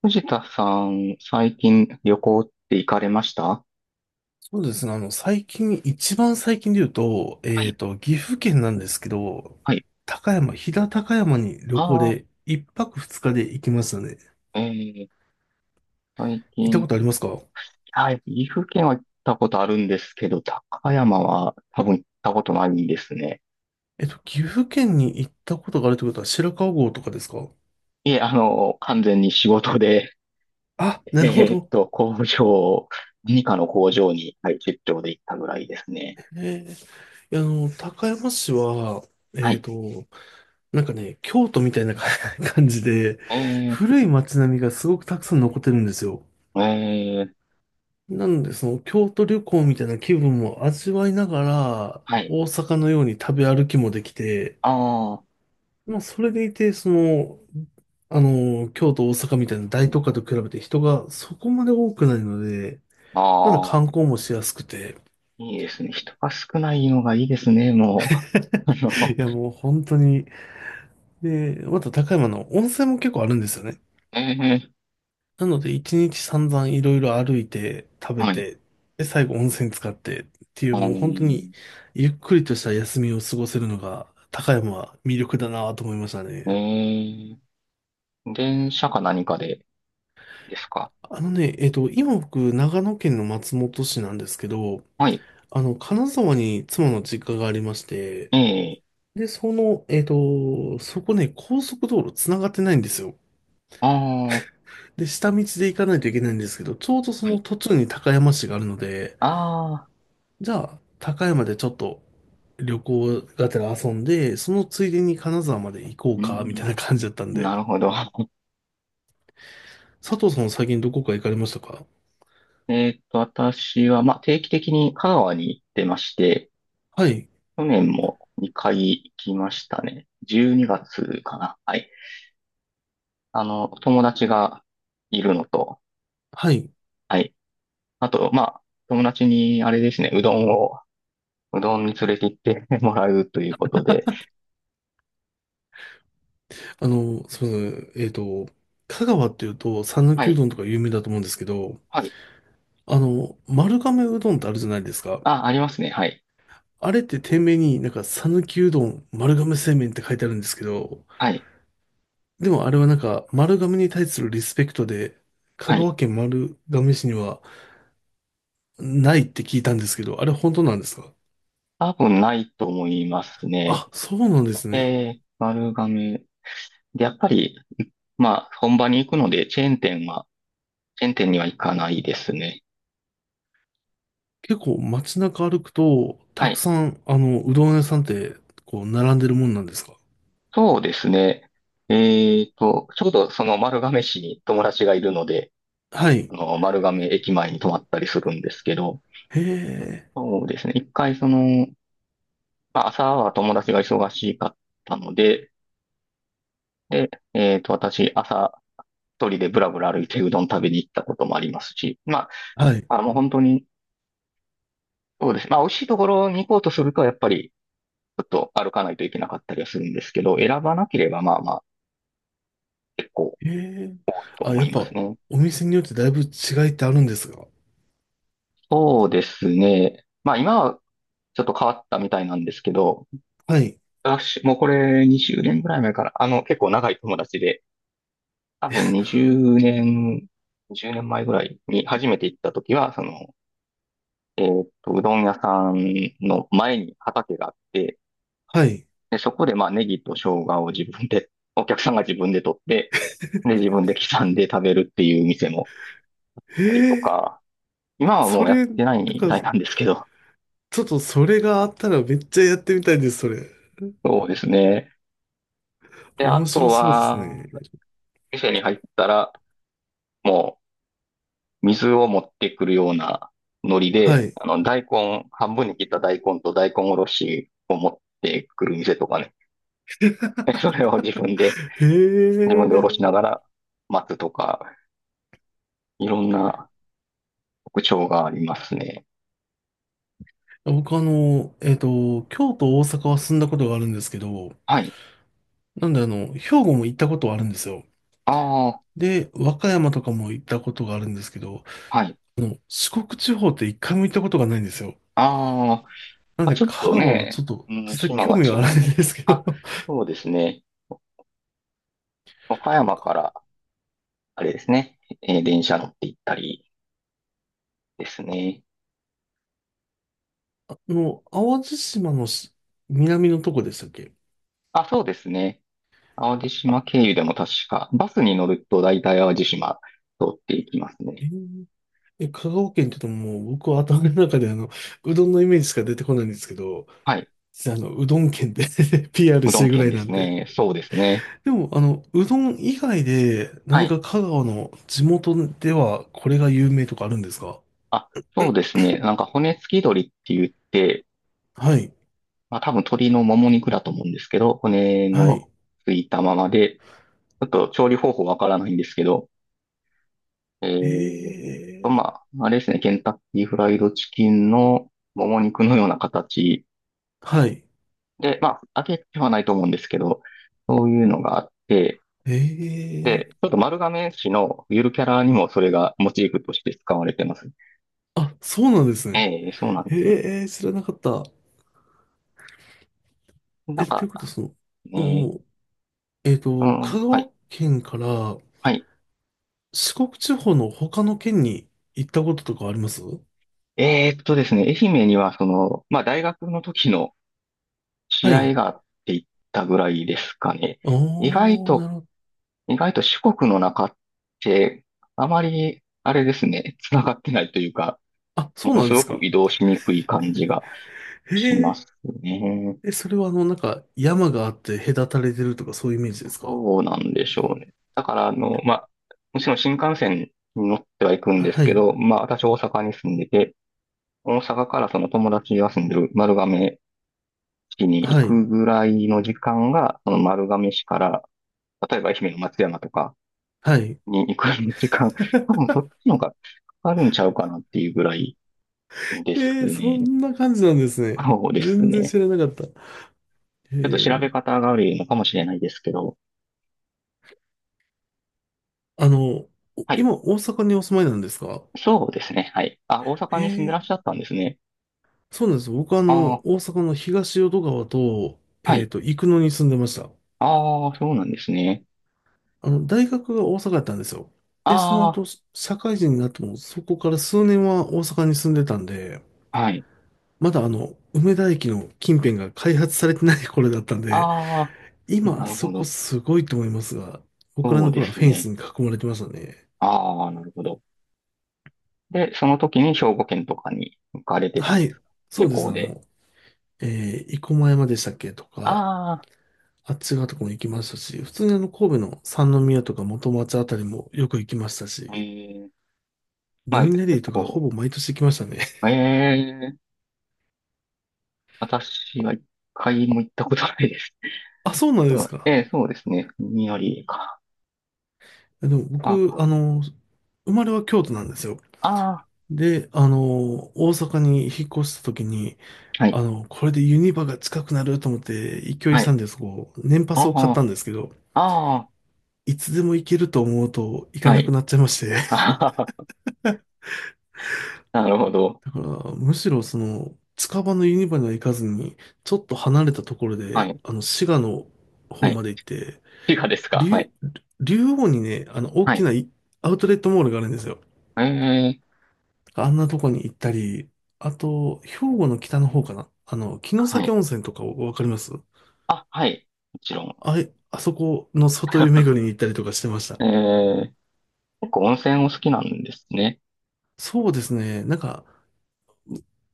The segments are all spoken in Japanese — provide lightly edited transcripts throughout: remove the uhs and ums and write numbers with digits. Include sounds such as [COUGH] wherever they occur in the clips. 藤田さん、最近旅行って行かれました？はそうですね。最近、一番最近で言うと、い、岐阜県なんですけど、はい。飛騨高山に旅行あで一泊二日で行きましたね。あ、ー、最行った近こっとありて、ますか？はい、岐阜県は行ったことあるんですけど、高山は多分行ったことないんですね。岐阜県に行ったことがあるってことは白川郷とかですか？いえ、あの、完全に仕事で、あ、[LAUGHS] なえるほーっど。と、工場、何かの工場に、はい、出張で行ったぐらいですね。えー、いや高山市は、はえっい。と、なんかね、京都みたいな [LAUGHS] 感じで、え古い街並みがすごくたくさん残ってるんですよ。ー、えー、なんで、その京都旅行みたいな気分も味わいながら、はい。大阪のように食べ歩きもできて、あまあ、それでいて、京都、大阪みたいな大都会と比べて人がそこまで多くないので、あ、まだあ観光あ、もしやすくて、いいですね。人が少ないのがいいですね、もう。あ [LAUGHS] の、いや、もう本当に、で、また高山の温泉も結構あるんですよね。ええ、なので、一日散々いろいろ歩いて、食べはい。て、で、最後温泉使ってっていあう、もう本当ー、に、ゆっくりとした休みを過ごせるのが、高山は魅力だなと思いましたえね。ー、電車か何かでですか？あのね、今僕、長野県の松本市なんですけど、はい。あの、金沢に妻の実家がありまして、ええ、で、そこね、高速道路繋がってないんですよ。ああ、で、下道で行かないといけないんですけど、ちょうどそはのい。途中に高山市があるので、ああ、じゃあ、高山でちょっと旅行がてら遊んで、そのついでに金沢まで行こううか、みん、たいな感じだったんで。なるほど。[LAUGHS] 佐藤さんは最近どこか行かれましたか？私は、まあ、定期的に香川に行ってまして、はい。去年も2回きましたね。12月かな。はい。あの、友達がいるのと、はい。はい。あと、まあ、友達に、あれですね、うどんに連れて行ってもらうということで、あの、すみません。香川っていうと、讃は岐うい。どんとか有名だと思うんですけど、はい。あの、丸亀うどんってあるじゃないですか。あ、ありますね。はい。あれって店名になんか、讃岐うどん、丸亀製麺って書いてあるんですけど、はい。でもあれはなんか、丸亀に対するリスペクトで、香はい。川県丸亀市には、ないって聞いたんですけど、あれ本当なんですか？多分ないと思いますね。あ、そうなんですね。丸亀。で、やっぱり、まあ、本場に行くので、チェーン店には行かないですね。結構街中歩くと、はたくい。さん、うどん屋さんって、こう、並んでるもんなんですか？そうですね。ちょうどその丸亀市に友達がいるので、はい。あの、丸亀駅前に泊まったりするんですけど、へえ。そうですね。一回その、まあ、朝は友達が忙しかったので、で、私、朝、一人でブラブラ歩いてうどん食べに行ったこともありますし、まはい。あ、あの、本当に、そうです。まあ、美味しいところに行こうとすると、やっぱり、ちょっと歩かないといけなかったりはするんですけど、選ばなければ、まあまあ、結構、へえ。とあ、思やっいまぱ、すね。お店によってだいぶ違いってあるんですが。そうですね。まあ、今は、ちょっと変わったみたいなんですけど、はい。私、もうこれ20年ぐらい前から、あの、結構長い友達で、多分20年、10年前ぐらいに初めて行った時は、その、うどん屋さんの前に畑があって、はい。で、そこでまあネギと生姜を自分で、[LAUGHS] お客さんが自分で取って、で、[LAUGHS] 自分で刻んで食べるっていう店もへあったりとえ。か、今はもそうやっれ、てないんみか、たいなんですけど、ちょっとそれがあったらめっちゃやってみたいです、それ。[LAUGHS] そうですね。で、あ面と白そうですは、ね。店に入ったら、もう水を持ってくるようなノリはで、い。あの、大根、半分に切った大根と大根おろしを持ってくる店とかね。[LAUGHS] でそれを自分で、へ自分でおろしえ。ながら待つとか、いろんな特徴がありますね。僕あの、京都、大阪は住んだことがあるんですけど、はい。なんであの、兵庫も行ったことはあるんですよ。ああ、で、和歌山とかも行ったことがあるんですけど、はい。あの、四国地方って一回も行ったことがないんですよ。あー、なんまあ、で、ちょっ香と川はちょね、っと、うん、実際島興が味違はあるうのんで。ですけあ、ど、[LAUGHS] そうですね。岡山から、あれですね、電車乗って行ったりですね。あの、淡路島の南のとこでしたっけ？あ、そうですね。淡路島経由でも確か、バスに乗ると大体淡路島通っていきますえね。ー、え香川県って言うともう、僕は頭の中であの、うどんのイメージしか出てこないんですけど、はい。実はあの、うどん県で [LAUGHS] PR うしどてんる [LAUGHS] ぐ県らいでなすんで、ね。そうですね。でも、あの、うどん以外では何い。か香川の地元ではこれが有名とかあるんですか？あ、そうですね。なんか骨付き鶏って言って、はい。まあ多分鶏のもも肉だと思うんですけど、骨はのい。ついたままで、ちょっと調理方法わからないんですけど、えーええ、まあ、あれですね、ケンタッキーフライドチキンのもも肉のような形はい。で、まあ、揚げてはないと思うんですけど、そういうのがあって、ええ、で、ちょっと丸亀市のゆるキャラにもそれがモチーフとして使われてます。あ、そうなんですね。ええ、そうなんです。ええ、知らなかった。なえ、んといか、うことは、その、ね、お、う香ん、はい、川県からはい。四国地方の他の県に行ったこととかあります？ですね、愛媛にはその、まあ、大学の時のは試合い。があって行ったぐらいですかね。意外おー、なとるほど。意外と四国の中って、あまり、あれですね、繋がってないというか、あ、もそうのなんすでごすくか。移動しにくい感じがしまへすね。え、それはあの、なんか、山があって隔たれてるとかそういうイメージですか？どうなんでしょうね。だから、あの、まあ、もちろん新幹線に乗ってはいくんですはけい。ど、まあ、私大阪に住んでて、大阪からその友達が住んでる丸亀市に行はい。くぐらいの時間が、その丸亀市から、例えば愛媛の松山とかはい。に行く時間、多分そ [LAUGHS] っちの方がかかるんちゃうかなっていうぐらい、ですえー、そね。んな感じなんですね。そうです全然ね。知らなかった。えちょっと調べー、方が悪いのかもしれないですけど。あの、おはい。今、大阪にお住まいなんですか？そうですね。はい。あ、大え阪に住んでらー、っしゃったんですね。そうなんです。僕はあの、ああ、大阪の東淀川と、はい。生野に住んでました。ああ、そうなんですね。あの、大学が大阪だったんですよ。で、そのあ後、社会人になっても、そこから数年は大阪に住んでたんで、あ、はい。まだあの、梅田駅の近辺が開発されてない頃だったんで、ああ、今あなるそほこど。すごいと思いますが、僕らそうので頃はすフェンスね。に囲まれてましたね。ああ、なるほど。で、その時に兵庫県とかに行かれてたはんですい、か？そ旅うです。行あで。の、えー、生駒山でしたっけとか、ああっち側とかも行きましたし、普通にあの、神戸の三宮とか元町あたりもよく行きましたあ、えし、え、まルあ、ミネリー結とかほ構、ぼ毎年行きましたね。ええ、私は一回も行ったことないです。[LAUGHS] あ、そうなんでうすん、か。そうですね。によりか。でも僕、あ、あの、生まれは京都なんですよ。ああ、で、あの、大阪に引っ越した時に、はい、あの、これでユニバが近くなると思って、勢いはさんい。でそこう、年パあスを買ったあ、んですけど、あいつでも行けると思うと行あ、かはなくい。なっちゃいまして。[LAUGHS] [LAUGHS] あはは、なるほど。だから、むしろその、近場のユニバには行かずに、ちょっと離れたところはで、い、あの、滋賀のは方い。まで行って、理科ですか？はい、竜、竜王にね、あの、大はきい。ないアウトレットモールがあるんですよ。ええ、あんなとこに行ったり、あと、兵庫の北の方かな。あの、城は崎い。温泉とかわかります？あ、はい。もちろん。あい、あそこの外湯巡り [LAUGHS] に行ったりとかしてました。ええ、結構温泉お好きなんですね。そうですね。なんか、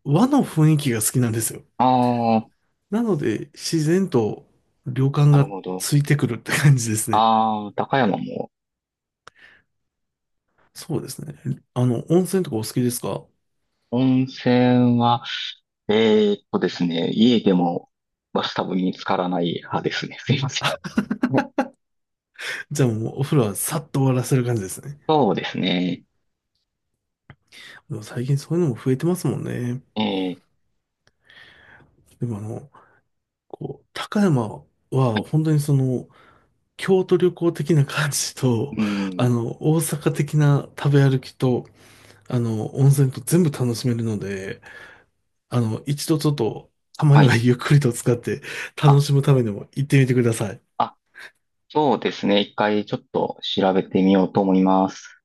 和の雰囲気が好きなんですよ。ああ、なので、自然と旅館なるがほど。ついてくるって感じですね。ああ、高山も。そうですね。あの、温泉とかお好きですか？温泉は、ですね、家でもバスタブに浸からない派ですね。すいません。はい、じゃあもうお風呂はさっと終わらせる感じですね。そうですね。でも最近そういうのも増えてますもんね。ええ、でもあの、こう、高山は本当にその、京都旅行的な感じうと、ーあん。の、大阪的な食べ歩きと、あの、温泉と全部楽しめるので、あの、一度ちょっと、たまはにはい。ゆっくりと使って楽あ、しむためにも行ってみてください。あ、そうですね。一回ちょっと調べてみようと思います。